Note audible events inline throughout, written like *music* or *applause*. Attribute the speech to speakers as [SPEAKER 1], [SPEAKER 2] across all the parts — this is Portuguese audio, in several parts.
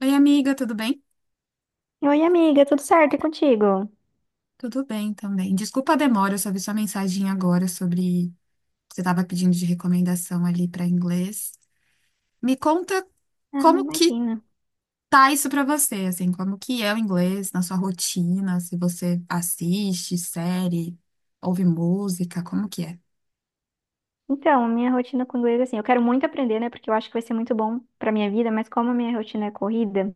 [SPEAKER 1] Oi, amiga, tudo bem?
[SPEAKER 2] Oi, amiga, tudo certo? E contigo?
[SPEAKER 1] Tudo bem também. Desculpa a demora, eu só vi sua mensagem agora sobre você estava pedindo de recomendação ali para inglês. Me conta
[SPEAKER 2] Ah, não
[SPEAKER 1] como que
[SPEAKER 2] imagina.
[SPEAKER 1] tá isso para você, assim, como que é o inglês na sua rotina, se você assiste série, ouve música, como que é?
[SPEAKER 2] Então, a minha rotina com inglês, assim, eu quero muito aprender, né? Porque eu acho que vai ser muito bom pra minha vida, mas como a minha rotina é corrida,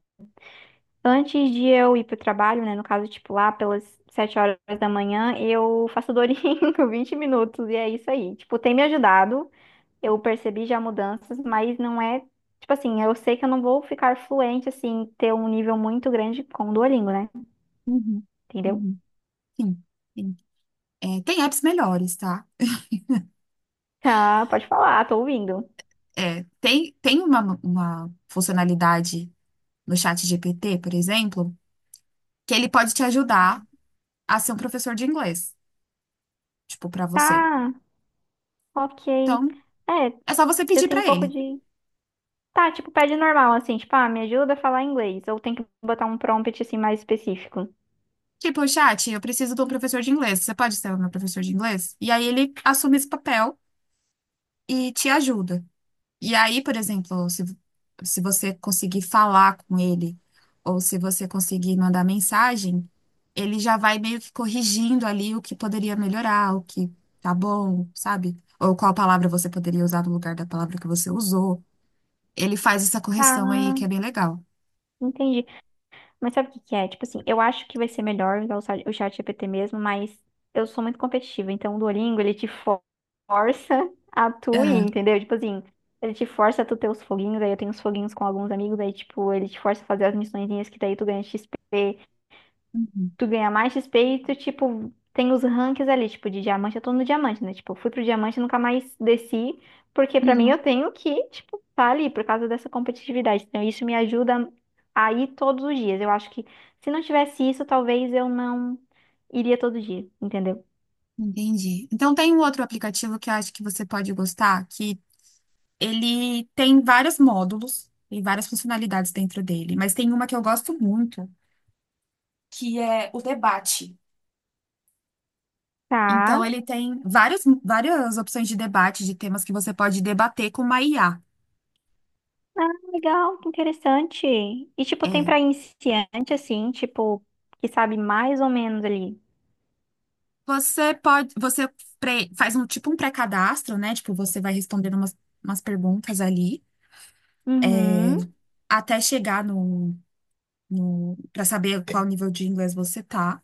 [SPEAKER 2] antes de eu ir pro trabalho, né? No caso, tipo, lá pelas sete horas da manhã, eu faço dorinho *laughs* 20 minutos, e é isso aí. Tipo, tem me ajudado, eu percebi já mudanças, mas não é. Tipo assim, eu sei que eu não vou ficar fluente, assim, ter um nível muito grande com o Duolingo, né?
[SPEAKER 1] Uhum,
[SPEAKER 2] Entendeu?
[SPEAKER 1] uhum. Sim, sim. É, tem apps melhores, tá?
[SPEAKER 2] Tá, pode falar, tô ouvindo.
[SPEAKER 1] É, tem uma funcionalidade no chat GPT, por exemplo, que ele pode te ajudar a ser um professor de inglês, tipo, pra você.
[SPEAKER 2] Tá. Ok.
[SPEAKER 1] Então,
[SPEAKER 2] É,
[SPEAKER 1] é só você
[SPEAKER 2] eu
[SPEAKER 1] pedir
[SPEAKER 2] tenho um
[SPEAKER 1] pra
[SPEAKER 2] pouco
[SPEAKER 1] ele.
[SPEAKER 2] de. Tá, tipo, pede normal, assim, tipo, ah, me ajuda a falar inglês. Ou tem que botar um prompt, assim, mais específico.
[SPEAKER 1] Tipo, chat, eu preciso de um professor de inglês. Você pode ser o meu professor de inglês? E aí ele assume esse papel e te ajuda. E aí, por exemplo, se você conseguir falar com ele, ou se você conseguir mandar mensagem, ele já vai meio que corrigindo ali o que poderia melhorar, o que tá bom, sabe? Ou qual palavra você poderia usar no lugar da palavra que você usou. Ele faz essa correção aí que
[SPEAKER 2] Ah,
[SPEAKER 1] é bem legal.
[SPEAKER 2] entendi. Mas sabe o que que é? Tipo assim, eu acho que vai ser melhor usar o chat GPT mesmo, mas eu sou muito competitiva, então o Duolingo, ele te força a tu ir,
[SPEAKER 1] Aham.
[SPEAKER 2] entendeu? Tipo assim, ele te força a tu ter os foguinhos, aí eu tenho os foguinhos com alguns amigos, aí tipo, ele te força a fazer as missõezinhas que daí tu ganha XP.
[SPEAKER 1] Uhum,
[SPEAKER 2] Tu ganha mais XP e tu, tipo, tem os ranks ali, tipo, de diamante, eu tô no diamante, né? Tipo, eu fui pro diamante e nunca mais desci, porque pra mim
[SPEAKER 1] uhum,
[SPEAKER 2] eu tenho que, tipo, tá ali por causa dessa competitividade. Então, isso me ajuda a ir todos os dias. Eu acho que se não tivesse isso, talvez eu não iria todo dia, entendeu?
[SPEAKER 1] entendi. Então tem um outro aplicativo que eu acho que você pode gostar, que ele tem vários módulos, tem várias funcionalidades dentro dele, mas tem uma que eu gosto muito, que é o debate.
[SPEAKER 2] Tá.
[SPEAKER 1] Então ele tem várias, várias opções de debate, de temas que você pode debater com uma IA.
[SPEAKER 2] Ah, legal, que interessante. E, tipo, tem
[SPEAKER 1] É,
[SPEAKER 2] pra iniciante, assim, tipo, que sabe mais ou menos ali.
[SPEAKER 1] você pode, você pre- faz um tipo um pré-cadastro, né? Tipo, você vai respondendo umas perguntas ali
[SPEAKER 2] Uhum.
[SPEAKER 1] até chegar no, no para saber qual nível de inglês você tá.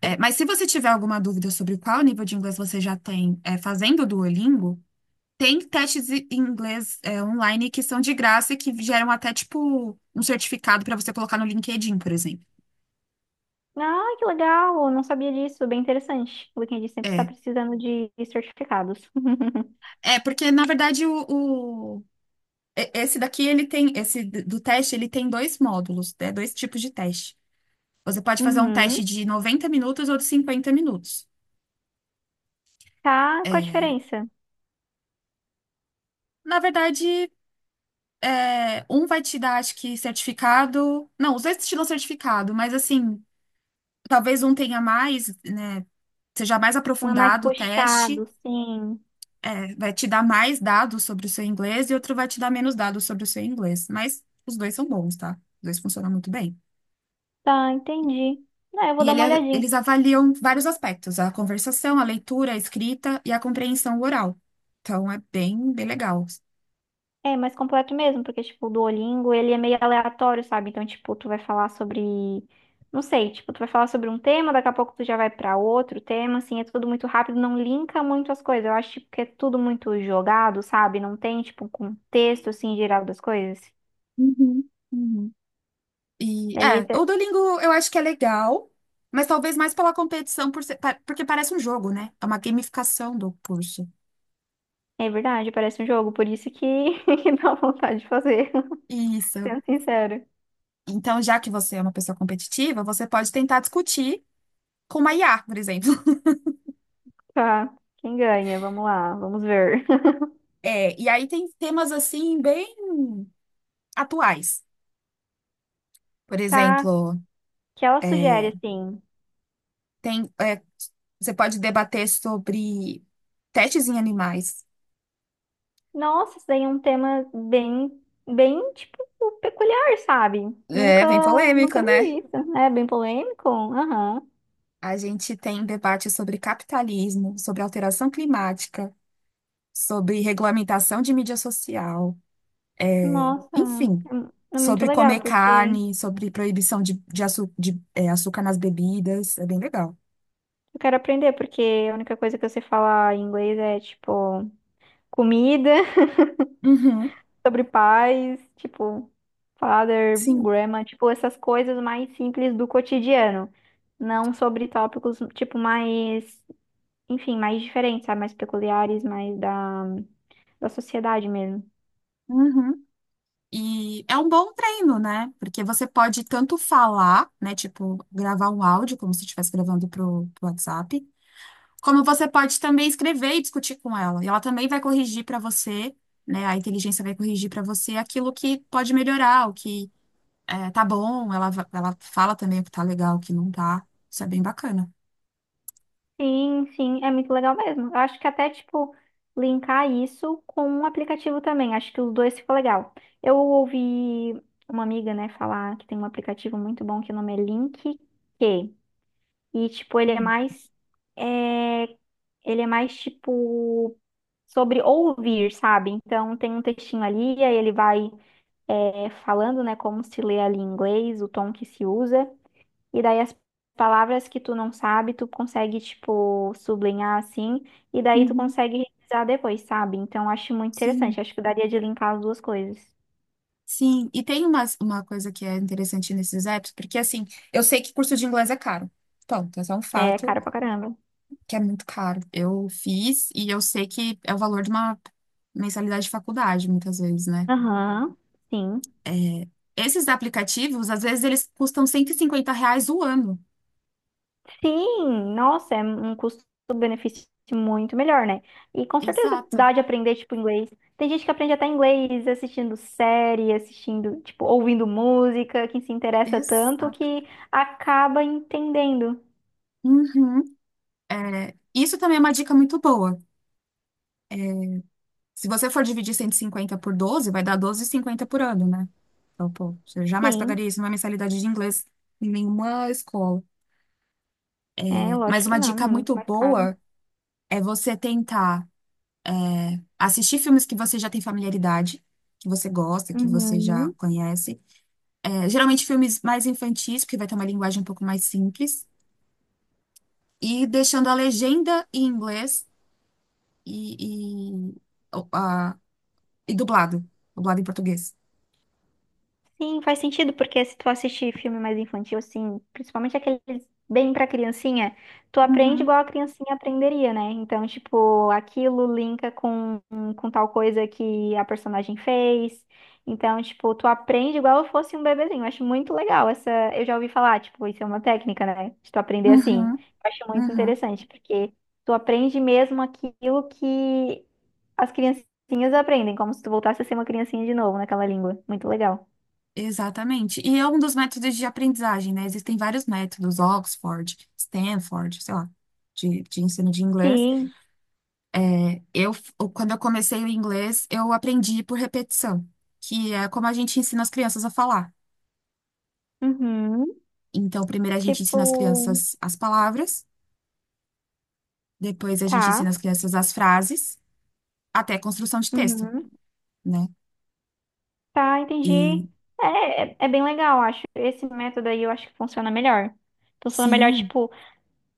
[SPEAKER 1] É, mas se você tiver alguma dúvida sobre qual nível de inglês você já tem, fazendo o Duolingo, tem testes em inglês, online que são de graça e que geram até, tipo, um certificado para você colocar no LinkedIn, por exemplo.
[SPEAKER 2] Ah, que legal! Eu não sabia disso, bem interessante. O LinkedIn sempre está
[SPEAKER 1] É,
[SPEAKER 2] precisando de certificados. *laughs*
[SPEAKER 1] é, porque, na verdade, esse daqui, do teste, ele tem dois módulos, né? Dois tipos de teste. Você pode fazer um
[SPEAKER 2] Uhum.
[SPEAKER 1] teste de 90 minutos ou de 50 minutos.
[SPEAKER 2] Tá, qual a
[SPEAKER 1] É.
[SPEAKER 2] diferença?
[SPEAKER 1] Na verdade, um vai te dar, acho que, certificado. Não, os dois te dão certificado, mas assim, talvez um tenha mais, né? Seja mais
[SPEAKER 2] Um é mais
[SPEAKER 1] aprofundado o teste,
[SPEAKER 2] puxado, sim.
[SPEAKER 1] vai te dar mais dados sobre o seu inglês e outro vai te dar menos dados sobre o seu inglês. Mas os dois são bons, tá? Os dois funcionam muito bem.
[SPEAKER 2] Tá, entendi. Não, eu vou
[SPEAKER 1] E
[SPEAKER 2] dar uma olhadinha.
[SPEAKER 1] eles avaliam vários aspectos: a conversação, a leitura, a escrita e a compreensão oral. Então é bem, bem legal.
[SPEAKER 2] É mais completo mesmo, porque, tipo, o Duolingo, ele é meio aleatório, sabe? Então, tipo, tu vai falar sobre... Não sei, tipo, tu vai falar sobre um tema, daqui a pouco tu já vai pra outro tema, assim, é tudo muito rápido, não linka muito as coisas. Eu acho, tipo, que é tudo muito jogado, sabe? Não tem, tipo, um contexto, assim, geral das coisas.
[SPEAKER 1] Uhum, uhum. E
[SPEAKER 2] Daí
[SPEAKER 1] é, o
[SPEAKER 2] até-
[SPEAKER 1] Duolingo eu acho que é legal, mas talvez mais pela competição, porque parece um jogo, né? É uma gamificação do curso.
[SPEAKER 2] É verdade, parece um jogo, por isso que *laughs* que dá vontade de fazer, *laughs*
[SPEAKER 1] Isso.
[SPEAKER 2] sendo sincero.
[SPEAKER 1] Então, já que você é uma pessoa competitiva, você pode tentar discutir com uma IA, por exemplo. *laughs*
[SPEAKER 2] Tá, quem ganha? Vamos lá, vamos ver. *laughs*
[SPEAKER 1] É, e aí tem temas assim bem atuais. Por
[SPEAKER 2] Tá,
[SPEAKER 1] exemplo,
[SPEAKER 2] que ela sugere
[SPEAKER 1] é,
[SPEAKER 2] assim.
[SPEAKER 1] tem, você pode debater sobre testes em animais.
[SPEAKER 2] Nossa, isso daí é um tema bem, bem, tipo, peculiar, sabe? Nunca,
[SPEAKER 1] É, bem polêmico,
[SPEAKER 2] nunca
[SPEAKER 1] né?
[SPEAKER 2] vi isso. É bem polêmico? Aham.
[SPEAKER 1] A gente tem debate sobre capitalismo, sobre alteração climática, sobre regulamentação de mídia social.
[SPEAKER 2] Nossa,
[SPEAKER 1] Enfim,
[SPEAKER 2] é, é muito
[SPEAKER 1] sobre
[SPEAKER 2] legal,
[SPEAKER 1] comer
[SPEAKER 2] porque eu
[SPEAKER 1] carne, sobre proibição de açúcar nas bebidas. É bem legal.
[SPEAKER 2] quero aprender, porque a única coisa que eu sei falar em inglês é, tipo, comida
[SPEAKER 1] Uhum,
[SPEAKER 2] sobre pais, tipo, father,
[SPEAKER 1] sim.
[SPEAKER 2] grandma, tipo, essas coisas mais simples do cotidiano. Não sobre tópicos, tipo, mais, enfim, mais diferentes, sabe? Mais peculiares, mais da, da sociedade mesmo.
[SPEAKER 1] Uhum. E é um bom treino, né? Porque você pode tanto falar, né? Tipo, gravar um áudio, como se estivesse gravando pro WhatsApp, como você pode também escrever e discutir com ela. E ela também vai corrigir para você, né? A inteligência vai corrigir para você aquilo que pode melhorar, o que é, tá bom, ela fala também o que tá legal, o que não tá. Isso é bem bacana.
[SPEAKER 2] Sim, sim, é muito legal mesmo. Eu acho que até, tipo, linkar isso com um aplicativo também. Acho que os dois ficou legal. Eu ouvi uma amiga, né, falar que tem um aplicativo muito bom que o nome é Link Q. E, tipo, ele é mais. é, Ele é mais, tipo, sobre ouvir, sabe? Então, tem um textinho ali, aí ele vai falando, né, como se lê ali em inglês, o tom que se usa. E daí as palavras que tu não sabe, tu consegue, tipo, sublinhar assim. E daí tu
[SPEAKER 1] Uhum.
[SPEAKER 2] consegue revisar depois, sabe? Então, acho muito
[SPEAKER 1] Sim,
[SPEAKER 2] interessante. Acho que daria de linkar as duas coisas.
[SPEAKER 1] sim. E tem uma coisa que é interessante nesses apps, porque assim, eu sei que curso de inglês é caro. Ponto, esse é um
[SPEAKER 2] É,
[SPEAKER 1] fato
[SPEAKER 2] cara pra caramba.
[SPEAKER 1] que é muito caro. Eu fiz e eu sei que é o valor de uma mensalidade de faculdade, muitas vezes, né?
[SPEAKER 2] Aham, sim.
[SPEAKER 1] É, esses aplicativos, às vezes, eles custam R$ 150 o ano.
[SPEAKER 2] Sim, nossa, é um custo-benefício muito melhor, né? E com certeza
[SPEAKER 1] Exato,
[SPEAKER 2] dá de aprender, tipo, inglês. Tem gente que aprende até inglês assistindo série, assistindo, tipo, ouvindo música, que se interessa tanto
[SPEAKER 1] exato.
[SPEAKER 2] que acaba entendendo.
[SPEAKER 1] Uhum. É, isso também é uma dica muito boa. Se você for dividir 150 por 12 vai dar 12,50 por ano, né? Então, pô, você jamais
[SPEAKER 2] Sim,
[SPEAKER 1] pagaria isso numa mensalidade de inglês em nenhuma escola.
[SPEAKER 2] é,
[SPEAKER 1] Mas
[SPEAKER 2] lógico que
[SPEAKER 1] uma dica
[SPEAKER 2] não, é muito
[SPEAKER 1] muito
[SPEAKER 2] mais caro.
[SPEAKER 1] boa é você tentar assistir filmes que você já tem familiaridade, que você gosta, que você já
[SPEAKER 2] Uhum.
[SPEAKER 1] conhece. É, geralmente filmes mais infantis, porque vai ter uma linguagem um pouco mais simples. E deixando a legenda em inglês e, e, o- a- e dublado. Dublado em português.
[SPEAKER 2] Sim, faz sentido, porque se tu assistir filme mais infantil, assim, principalmente aqueles bem pra criancinha, tu aprende
[SPEAKER 1] Uhum,
[SPEAKER 2] igual a criancinha aprenderia, né? Então, tipo, aquilo linka com tal coisa que a personagem fez. Então, tipo, tu aprende igual eu fosse um bebezinho. Eu acho muito legal essa. Eu já ouvi falar, tipo, isso é uma técnica, né? De tu aprender assim.
[SPEAKER 1] uhum,
[SPEAKER 2] Eu acho muito
[SPEAKER 1] uhum.
[SPEAKER 2] interessante, porque tu aprende mesmo aquilo que as criancinhas aprendem, como se tu voltasse a ser uma criancinha de novo naquela língua. Muito legal.
[SPEAKER 1] Exatamente. E é um dos métodos de aprendizagem, né? Existem vários métodos, Oxford, Stanford, sei lá, de ensino de inglês.
[SPEAKER 2] Sim.
[SPEAKER 1] É, quando eu comecei o inglês, eu aprendi por repetição, que é como a gente ensina as crianças a falar.
[SPEAKER 2] Uhum.
[SPEAKER 1] Então, primeiro a gente ensina as
[SPEAKER 2] Tipo,
[SPEAKER 1] crianças as palavras, depois a gente ensina
[SPEAKER 2] tá.
[SPEAKER 1] as crianças as frases, até a construção de texto,
[SPEAKER 2] Uhum.
[SPEAKER 1] né?
[SPEAKER 2] Tá, entendi.
[SPEAKER 1] E
[SPEAKER 2] É, é, é bem legal, eu acho. Esse método aí eu acho que funciona melhor. Funciona melhor,
[SPEAKER 1] sim,
[SPEAKER 2] tipo,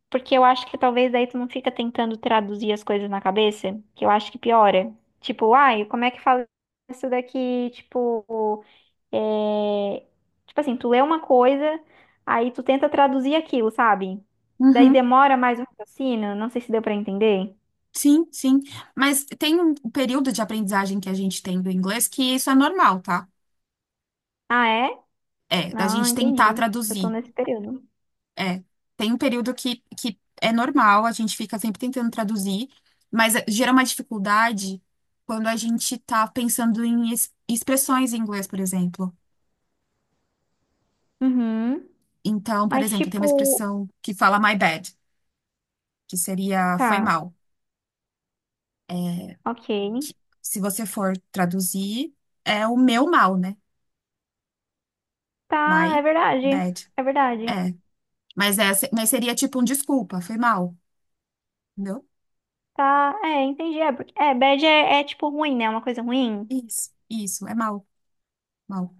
[SPEAKER 2] porque eu acho que talvez daí tu não fica tentando traduzir as coisas na cabeça, que eu acho que piora. Tipo, ai, como é que fala isso daqui? Tipo, é... tipo assim, tu lê uma coisa, aí tu tenta traduzir aquilo, sabe? Daí
[SPEAKER 1] uhum,
[SPEAKER 2] demora mais um raciocínio, não sei se deu pra entender.
[SPEAKER 1] sim, sim. Mas tem um período de aprendizagem que a gente tem do inglês que isso é normal, tá?
[SPEAKER 2] Ah, é?
[SPEAKER 1] É, da
[SPEAKER 2] Ah,
[SPEAKER 1] gente tentar
[SPEAKER 2] entendi. Eu tô
[SPEAKER 1] traduzir.
[SPEAKER 2] nesse período.
[SPEAKER 1] É, tem um período que é normal, a gente fica sempre tentando traduzir, mas gera uma dificuldade quando a gente tá pensando em expressões em inglês, por exemplo.
[SPEAKER 2] Uhum.
[SPEAKER 1] Então, por
[SPEAKER 2] Mas,
[SPEAKER 1] exemplo, tem uma
[SPEAKER 2] tipo,
[SPEAKER 1] expressão que fala my bad, que seria foi
[SPEAKER 2] tá,
[SPEAKER 1] mal. É,
[SPEAKER 2] ok.
[SPEAKER 1] que, se você for traduzir, é o meu mal, né?
[SPEAKER 2] Tá,
[SPEAKER 1] My
[SPEAKER 2] é verdade.
[SPEAKER 1] bad.
[SPEAKER 2] É verdade.
[SPEAKER 1] É, mas seria tipo um desculpa, foi mal, entendeu?
[SPEAKER 2] Tá, é, entendi. É, porque- é bad é, é, tipo ruim, né? Uma coisa ruim.
[SPEAKER 1] Isso, é mal, mal.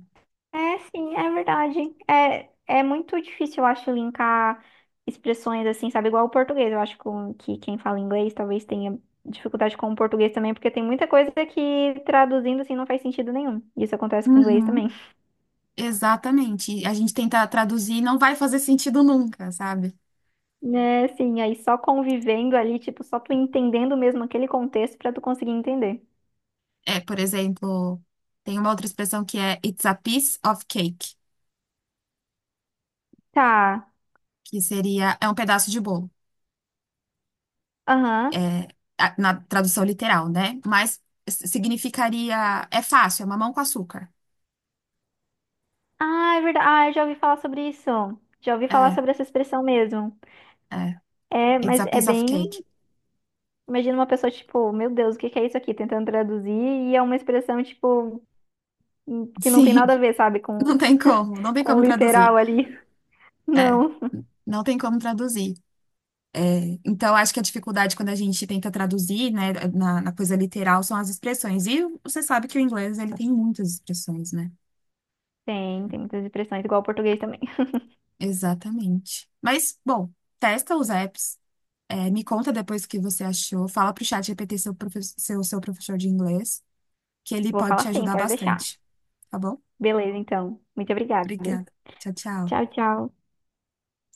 [SPEAKER 2] É, sim, é verdade. É, é muito difícil, eu acho, linkar expressões assim, sabe? Igual o português. Eu acho que quem fala inglês talvez tenha dificuldade com o português também, porque tem muita coisa que traduzindo assim não faz sentido nenhum. Isso acontece com o inglês também.
[SPEAKER 1] Uhum. Exatamente. A gente tenta traduzir e não vai fazer sentido nunca, sabe?
[SPEAKER 2] Né, sim, aí só convivendo ali, tipo, só tu entendendo mesmo aquele contexto pra tu conseguir entender.
[SPEAKER 1] É, por exemplo, tem uma outra expressão que é It's a piece of cake,
[SPEAKER 2] Tá.
[SPEAKER 1] que seria é um pedaço de bolo,
[SPEAKER 2] Aham.
[SPEAKER 1] é, na tradução literal, né? Mas significaria é fácil, é mamão com açúcar.
[SPEAKER 2] Ah, é verdade. Ah, eu já ouvi falar sobre isso. Já ouvi falar
[SPEAKER 1] É,
[SPEAKER 2] sobre essa expressão mesmo.
[SPEAKER 1] é.
[SPEAKER 2] É,
[SPEAKER 1] It's
[SPEAKER 2] mas
[SPEAKER 1] a
[SPEAKER 2] é
[SPEAKER 1] piece of
[SPEAKER 2] bem.
[SPEAKER 1] cake.
[SPEAKER 2] Imagina uma pessoa, tipo, meu Deus, o que que é isso aqui? Tentando traduzir, e é uma expressão, tipo, que não tem
[SPEAKER 1] Sim,
[SPEAKER 2] nada a
[SPEAKER 1] *laughs*
[SPEAKER 2] ver, sabe,
[SPEAKER 1] não tem como, não tem
[SPEAKER 2] com o
[SPEAKER 1] como traduzir.
[SPEAKER 2] literal ali. *laughs*
[SPEAKER 1] É,
[SPEAKER 2] Não.
[SPEAKER 1] não tem como traduzir. É, então, acho que a dificuldade quando a gente tenta traduzir, né, na coisa literal são as expressões. E você sabe que o inglês, ele tem muitas expressões, né?
[SPEAKER 2] Tem, tem muitas expressões, igual o português também.
[SPEAKER 1] Exatamente. Mas, bom, testa os apps, me conta depois o que você achou, fala pro chat GPT seu professor de inglês, que ele
[SPEAKER 2] Vou
[SPEAKER 1] pode
[SPEAKER 2] falar
[SPEAKER 1] te
[SPEAKER 2] sim,
[SPEAKER 1] ajudar
[SPEAKER 2] pode deixar.
[SPEAKER 1] bastante, tá bom?
[SPEAKER 2] Beleza, então. Muito obrigada.
[SPEAKER 1] Obrigada. Tchau,
[SPEAKER 2] Tchau,
[SPEAKER 1] tchau.
[SPEAKER 2] tchau.